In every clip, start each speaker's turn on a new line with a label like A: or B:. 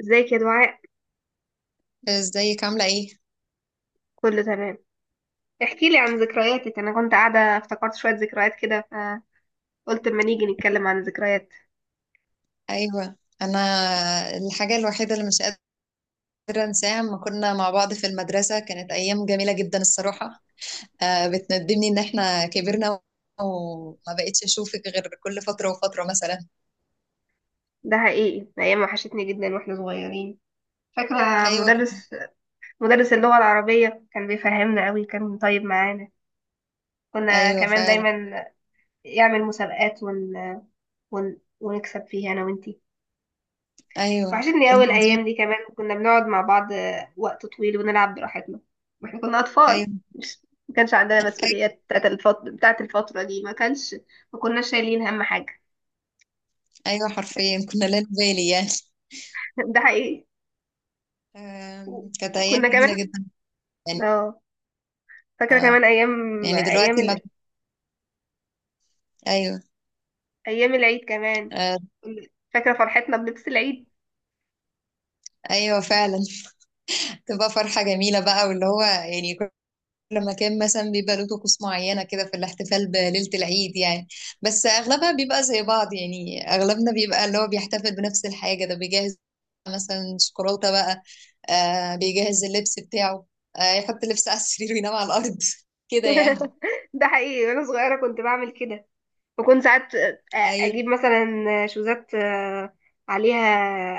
A: ازيك يا دعاء.
B: ازيك عاملة ايه؟
A: كله تمام. احكي لي عن ذكرياتك، انا كنت قاعده افتكرت شويه ذكريات كده فقلت اما نيجي نتكلم عن الذكريات.
B: ايوه، انا الحاجة الوحيدة اللي مش قادرة انساها لما كنا مع بعض في المدرسة كانت ايام جميلة جدا الصراحة. آه، بتندمني ان احنا كبرنا وما بقتش اشوفك غير كل فترة وفترة مثلا.
A: ده حقيقي، ايام وحشتني جدا واحنا صغيرين. فاكره
B: ايوه كنا.
A: مدرس اللغه العربيه كان بيفهمنا قوي، كان طيب معانا. كنا
B: ايوه
A: كمان
B: فعلا.
A: دايما يعمل مسابقات ونكسب فيها انا وانتي.
B: ايوه
A: وحشتني
B: كنا
A: أوي
B: عظيم.
A: الأيام دي، كمان كنا بنقعد مع بعض وقت طويل ونلعب براحتنا، ما احنا كنا أطفال.
B: ايوه.
A: مش ما كانش عندنا
B: ايوه.
A: مسؤوليات بتاعت الفترة دي، ما كانش ما كناش شايلين هم حاجة.
B: ايوه حرفيا كنا لا نبالي يعني.
A: ده حقيقي.
B: كانت ايام
A: كنا
B: جميلة
A: كمان
B: جدا يعني.
A: اه فاكرة
B: آه.
A: كمان أيام،
B: يعني
A: أيام
B: دلوقتي ما... ايوه.
A: أيام العيد كمان.
B: آه.
A: فاكرة فرحتنا بلبس العيد.
B: ايوه فعلا. تبقى فرحة جميلة بقى واللي هو يعني لما كان مثلا بيبقى له طقوس معينة كده في الاحتفال بليلة العيد يعني. بس أغلبها بيبقى زي بعض، يعني أغلبنا بيبقى اللي هو بيحتفل بنفس الحاجة، ده بيجهز مثلا شوكولاتة بقى، آه بيجهز اللبس بتاعه، آه يحط اللبس على السرير وينام على الأرض كده يعني.
A: ده حقيقي، وأنا صغيرة كنت بعمل كده. بكون ساعات
B: أيوه.
A: اجيب مثلا شوزات، عليها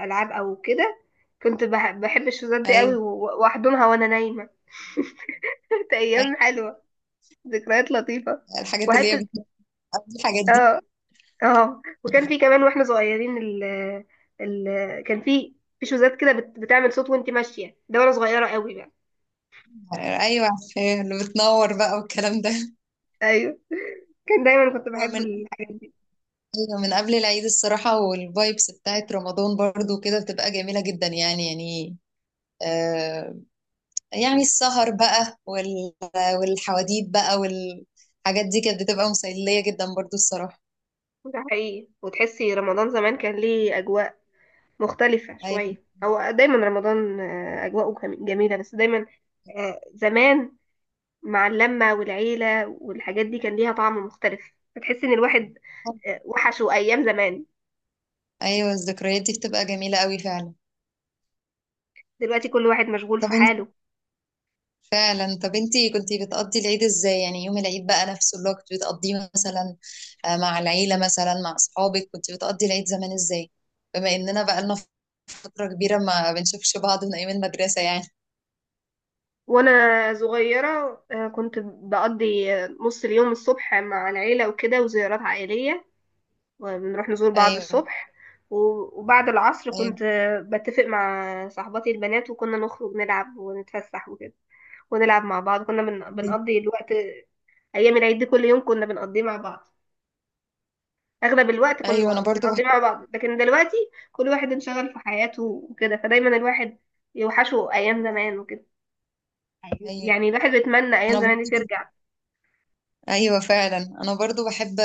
A: العاب او كده. كنت بحب الشوزات دي قوي
B: أيوه.
A: واحضنها وانا نايمه. كانت ايام
B: أيوه
A: حلوه، ذكريات لطيفه
B: الحاجات اللي هي
A: وحته.
B: بتبقى قبل الحاجات دي.
A: اه اه وكان في كمان واحنا صغيرين، ال ال كان في شوزات كده بتعمل صوت وانت ماشيه، ده وانا صغيره قوي بقى.
B: أيوه. أيوه، اللي بتنور بقى والكلام ده.
A: ايوه، كان دايما كنت
B: هو
A: بحب
B: من
A: الحاجات دي.
B: أيوة، من قبل العيد الصراحة، والفايبس بتاعت رمضان برضو كده بتبقى جميلة جدا يعني يعني. آه، يعني السهر بقى والحواديت بقى والحاجات دي كانت بتبقى مسلية جدا برضو الصراحة.
A: ده حقيقي، وتحسي رمضان زمان كان ليه اجواء مختلفة
B: أيوة.
A: شوية. هو دايما رمضان أجواءه جميلة، بس دايما زمان مع اللمة والعيلة والحاجات دي كان ليها طعم مختلف. بتحس إن الواحد وحشه أيام زمان.
B: أيوة الذكريات دي بتبقى جميلة قوي فعلا.
A: دلوقتي كل واحد مشغول
B: طب
A: في
B: انت
A: حاله.
B: فعلا، طب انت كنتي بتقضي العيد ازاي يعني؟ يوم العيد بقى نفسه اللي هو كنت بتقضيه مثلا، مع العيلة مثلا، مع أصحابك، كنت بتقضي العيد زمان ازاي؟ بما إننا بقى لنا فترة كبيرة ما بنشوفش بعض من أيام المدرسة يعني.
A: وأنا صغيرة كنت بقضي نص اليوم الصبح مع العيلة وكده وزيارات عائلية، وبنروح نزور بعض
B: أيوة.
A: الصبح، وبعد العصر
B: أيوة.
A: كنت بتفق مع صاحباتي البنات وكنا نخرج نلعب ونتفسح وكده، ونلعب مع بعض. كنا بنقضي الوقت. ايام العيد دي كل يوم كنا بنقضيه مع بعض، اغلب الوقت
B: أيوة
A: كنا
B: أنا برضو بحب.
A: بنقضيه مع بعض. لكن دلوقتي كل واحد انشغل في حياته وكده، فدايما الواحد يوحشه ايام زمان وكده.
B: أيوة.
A: يعني الواحد بيتمنى ايام
B: أنا
A: زمان
B: برضو
A: دي ترجع.
B: ايوه فعلا، انا برضو بحب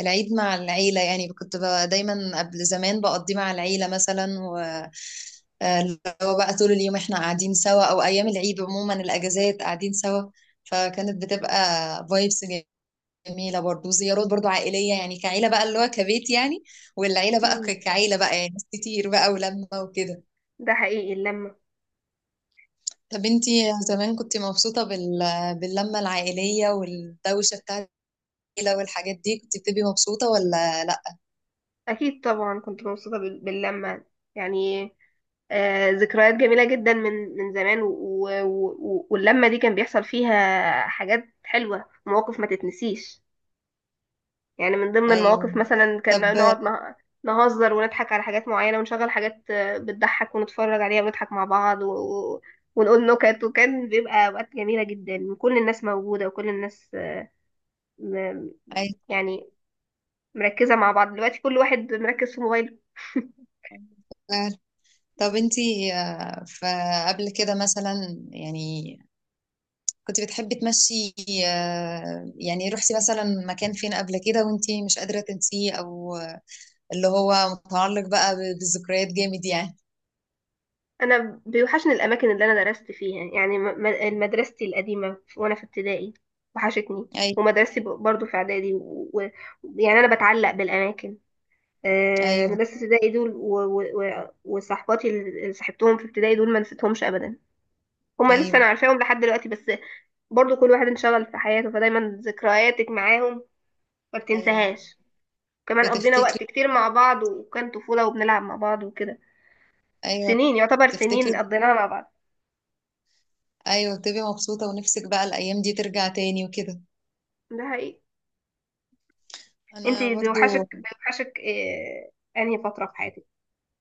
B: العيد مع العيله يعني، كنت دايما قبل زمان بقضيه مع العيله مثلا، و اللي هو بقى طول اليوم احنا قاعدين سوا، او ايام العيد عموما الاجازات قاعدين سوا. فكانت بتبقى فايبس جميله، برضو زيارات برضو عائليه يعني، كعيله بقى اللي هو كبيت يعني، والعيله بقى
A: مم.
B: كعيله بقى يعني ناس كتير بقى ولمه وكده.
A: ده حقيقي، اللمة
B: طب انتي زمان كنت مبسوطه باللمه العائليه والدوشه بتاعت العيله والحاجات دي، كنت بتبقي مبسوطه ولا لا؟
A: اكيد طبعا كنت مبسوطة باللمة. يعني ذكريات جميلة جدا من زمان، واللمة دي كان بيحصل فيها حاجات حلوة، مواقف ما تتنسيش. يعني من ضمن
B: ايوه.
A: المواقف مثلا كنا
B: طب
A: نقعد نهزر ونضحك على حاجات معينة ونشغل حاجات بتضحك ونتفرج عليها ونضحك مع بعض، ونقول نكت، وكان بيبقى أوقات جميلة جدا، كل الناس موجودة وكل الناس م...
B: ايوه
A: يعني مركزة مع بعض. دلوقتي كل واحد مركز في موبايله.
B: فعلا. طب انتي فقبل كده مثلا يعني كنت بتحبي تمشي، يعني رحتي مثلا مكان فين قبل كده وانتي مش قادرة تنسيه، او اللي هو متعلق بقى بالذكريات جامد يعني؟
A: أنا بيوحشني الأماكن اللي أنا درست فيها، يعني مدرستي القديمة وأنا في ابتدائي وحشتني،
B: ايوه.
A: ومدرستي برضو في إعدادي، ويعني يعني أنا بتعلق بالأماكن.
B: ايوه.
A: مدرسة ابتدائي دول وصحباتي اللي صاحبتهم في ابتدائي دول ما نسيتهمش أبدا. هما لسه
B: ايوه.
A: أنا عارفاهم لحد دلوقتي، بس برضو كل واحد انشغل في حياته، فدايما ذكرياتك معاهم ما
B: ايوه
A: بتنساهاش. كمان قضينا
B: بتفتكري.
A: وقت كتير مع بعض، وكان طفولة وبنلعب مع بعض وكده.
B: ايوه
A: سنين، يعتبر سنين
B: بتفتكري.
A: قضيناها مع بعض.
B: ايوه بتبقي مبسوطة ونفسك بقى الايام دي ترجع تاني وكده.
A: ده حقيقي. انت
B: انا
A: بيوحشك
B: برضو
A: بيوحشك أنهي فترة في حياتك؟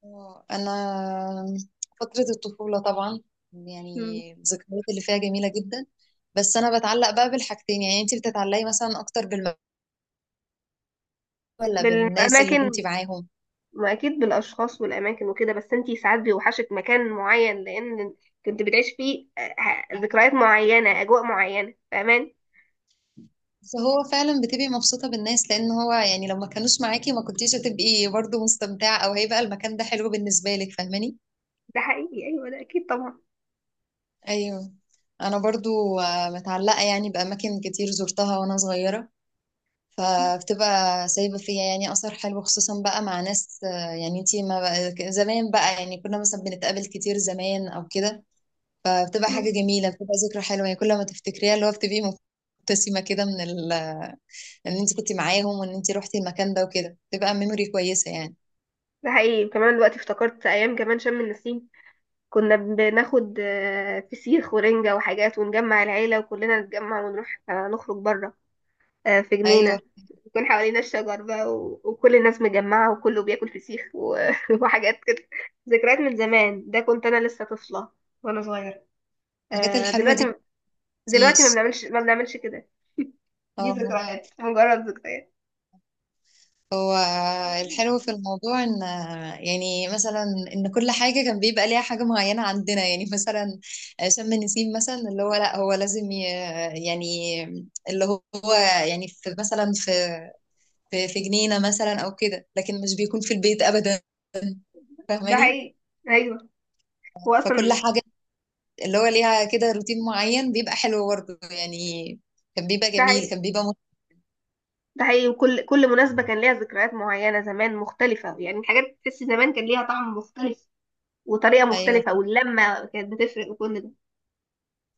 B: انا فترة الطفولة طبعا،
A: مم.
B: يعني الذكريات اللي فيها جميلة جدا. بس انا بتعلق بقى بالحاجتين، يعني انت بتتعلقي مثلا اكتر بالمكان ولا بالناس اللي
A: بالأماكن.
B: كنتي معاهم؟
A: ما اكيد بالاشخاص والاماكن وكده، بس انتي ساعات بيوحشك مكان معين لان كنت بتعيش فيه، ذكريات معينه، اجواء معينه، فاهماني.
B: بس هو فعلا بتبقي مبسوطة بالناس، لان هو يعني لو ما كانوش معاكي ما كنتيش هتبقي برضو مستمتعة، او هيبقى المكان ده حلو بالنسبة لك، فاهماني.
A: ده حقيقي، ايوه، ده اكيد طبعا.
B: ايوه. انا برضو متعلقة يعني باماكن كتير زرتها وانا صغيرة، فبتبقى سايبة فيا يعني أثر حلو، خصوصا بقى مع ناس، يعني انتي ما بقى زمان بقى يعني كنا مثلا بنتقابل كتير زمان أو كده، فبتبقى
A: مم.
B: حاجة جميلة، بتبقى ذكرى حلوة يعني كل ما تفتكريها اللي هو بتبقي مبتسمة كده إن انتي كنتي معاهم وإن انتي روحتي المكان ده وكده، بتبقى ميموري كويسة يعني.
A: ده حقيقي، كمان دلوقتي افتكرت ايام كمان شم النسيم. كنا بناخد فسيخ ورنجة وحاجات ونجمع العيلة وكلنا نتجمع ونروح نخرج بره، في
B: أيوه
A: جنينة يكون حوالينا الشجر بقى، وكل الناس مجمعة وكله بياكل فسيخ وحاجات كده. ذكريات من زمان، ده كنت أنا لسه طفلة وأنا صغيرة.
B: الحاجات الحلوة دي
A: دلوقتي، دلوقتي ما
B: مبتنسيش.
A: بنعملش ما بنعملش كده، دي
B: اه.
A: ذكريات، مجرد ذكريات.
B: هو الحلو في الموضوع ان يعني مثلا ان كل حاجه كان بيبقى ليها حاجه معينه عندنا، يعني مثلا شم النسيم مثلا اللي هو لا، هو لازم يعني اللي هو يعني في مثلا في جنينه مثلا او كده، لكن مش بيكون في البيت ابدا،
A: ده
B: فاهماني.
A: حقيقي، أيوه. هو
B: فكل
A: أصلا
B: حاجه اللي هو ليها كده روتين معين، بيبقى حلو برضه يعني، كان بيبقى
A: ده
B: جميل،
A: حقيقي
B: كان بيبقى
A: ده حقيقي وكل مناسبة كان ليها ذكريات معينة زمان مختلفة، يعني الحاجات تحس زمان كان ليها طعم مختلف وطريقة
B: ايوه.
A: مختلفة، واللمة كانت بتفرق، وكل ده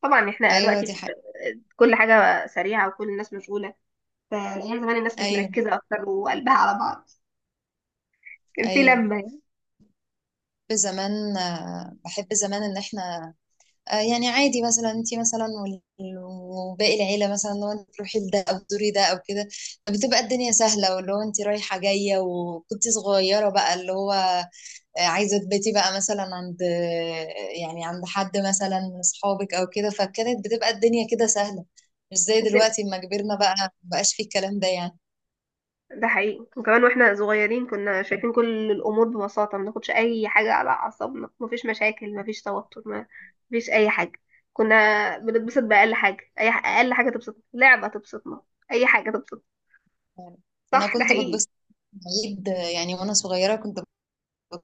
A: طبعا احنا
B: ايوه
A: دلوقتي
B: دي
A: في
B: حاجه.
A: كل حاجة سريعة وكل الناس مشغولة. فأيام زمان الناس كانت
B: ايوه.
A: مركزة أكتر، وقلبها على بعض، كان في
B: ايوه
A: لمة يعني.
B: بحب زمان، بحب زمان ان احنا يعني عادي، مثلا انت مثلا وباقي العيله مثلا، لو انت تروحي لده او تزوري ده او كده، بتبقى الدنيا سهله، واللي هو انت رايحه جايه، وكنت صغيره بقى اللي هو عايزه تباتي بقى مثلا عند يعني عند حد مثلا من اصحابك او كده، فكانت بتبقى الدنيا كده سهله، مش زي
A: بس ال-
B: دلوقتي اما كبرنا بقى، مبقاش في الكلام ده يعني.
A: ده حقيقي، وكمان واحنا صغيرين كنا شايفين كل الأمور ببساطة، ما ناخدش أي حاجة على أعصابنا. مفيش مشاكل، مفيش توتر، مفيش أي حاجة. كنا بنتبسط بأقل حاجة، أقل حاجة تبسطنا، لعبة تبسطنا، أي حاجة تبسطنا.
B: انا
A: صح، ده
B: كنت
A: حقيقي.
B: بتبسط في العيد، يعني وانا صغيره كنت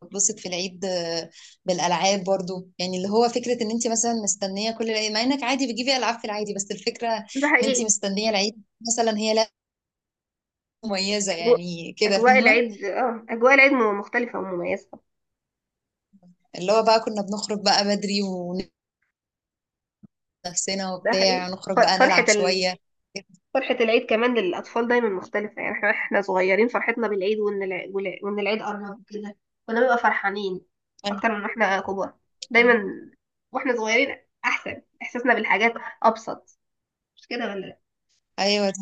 B: بتبسط في العيد، بالالعاب برضو، يعني اللي هو فكره ان انت مثلا مستنيه كل العيد، مع انك عادي بتجيبي العاب في العادي، بس الفكره ان
A: ده
B: انت
A: حقيقي.
B: مستنيه العيد، مثلا هي لعبه مميزه
A: أجواء،
B: يعني كده
A: أجواء
B: فاهمه.
A: العيد اه أجواء العيد مختلفة ومميزة.
B: اللي هو بقى كنا بنخرج بقى بدري، ونفسنا
A: ده حقيقي،
B: وبتاع نخرج
A: ف-
B: بقى
A: فرحة
B: نلعب شويه.
A: فرحة العيد كمان للأطفال دايما مختلفة. يعني احنا صغيرين، فرحتنا بالعيد وإن العيد قرب كده، كنا بنبقى فرحانين أكتر من واحنا كبار. دايما واحنا صغيرين أحسن، إحساسنا بالحاجات أبسط. مش كده ولا لأ؟
B: ايوه ده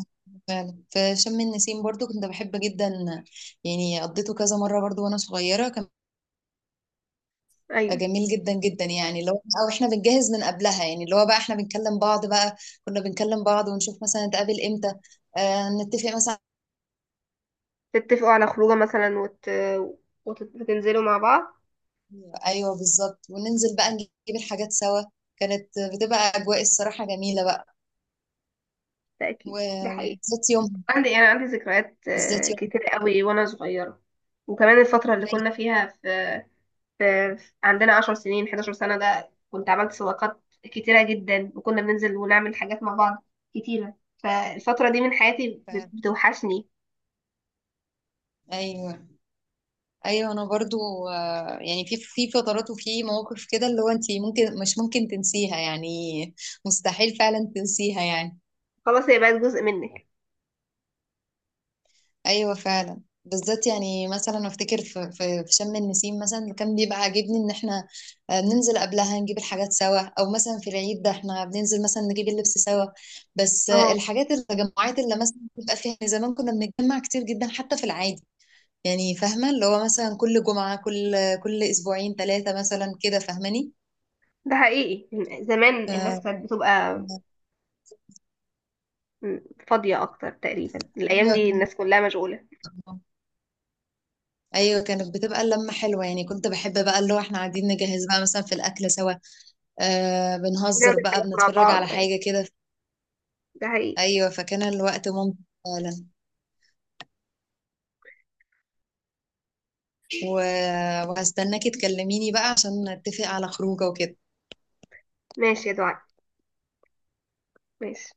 B: فعلا، في شم النسيم برضو كنت بحب جدا، يعني قضيته كذا مره برضو وانا صغيره، كان
A: أيوة،
B: جميل جدا جدا يعني، لو او احنا بنجهز من قبلها يعني اللي هو بقى احنا بنكلم بعض بقى، كنا بنكلم بعض ونشوف مثلا نتقابل امتى، آه نتفق مثلا.
A: تتفقوا على خروجة مثلا وتنزلوا مع بعض.
B: ايوه بالظبط، وننزل بقى نجيب الحاجات سوا، كانت بتبقى اجواء الصراحه جميله بقى
A: ده أكيد، ده
B: و-
A: حقيقي.
B: وبالذات يوم،
A: عندي، أنا عندي ذكريات
B: بالذات يوم
A: كتير قوي وأنا صغيرة. وكمان الفترة اللي كنا فيها عندنا 10 سنين 11 سنة، ده كنت عملت صداقات كتيرة جدا، وكنا بننزل ونعمل حاجات مع بعض كتيرة. فالفترة دي من حياتي
B: ف-
A: بتوحشني.
B: ايوه. ايوه انا برضو، يعني في في فترات وفي مواقف كده اللي هو انت ممكن، مش ممكن تنسيها يعني، مستحيل فعلا تنسيها يعني.
A: خلاص، هي بقت جزء منك.
B: ايوه فعلا، بالذات يعني مثلا افتكر في شم النسيم مثلا، اللي كان بيبقى عاجبني ان احنا بننزل قبلها نجيب الحاجات سوا، او مثلا في العيد ده احنا بننزل مثلا نجيب اللبس سوا. بس
A: اه
B: الحاجات، التجمعات اللي مثلا بيبقى فيها يعني، زمان كنا بنتجمع كتير جدا حتى في العادي يعني، فاهمه اللي هو مثلا كل جمعه، كل اسبوعين ثلاثه مثلا كده، فاهماني.
A: ده حقيقي. زمان الناس
B: آه،
A: كانت بتبقى م- فاضية أكتر تقريبا. الأيام دي الناس كلها مشغولة.
B: ايوه كانت بتبقى اللمه حلوه يعني، كنت بحب بقى اللي هو احنا قاعدين نجهز بقى مثلا في الاكل سوا، آه
A: نعمل
B: بنهزر بقى،
A: حاجات مع
B: بنتفرج
A: بعض.
B: على حاجة كده.
A: ده حقيقي.
B: أيوة فكان الوقت ممتع فعلا، و... وهستناكي تكلميني بقى عشان نتفق على خروجه وكده.
A: ماشي يا دعاء، ماشي.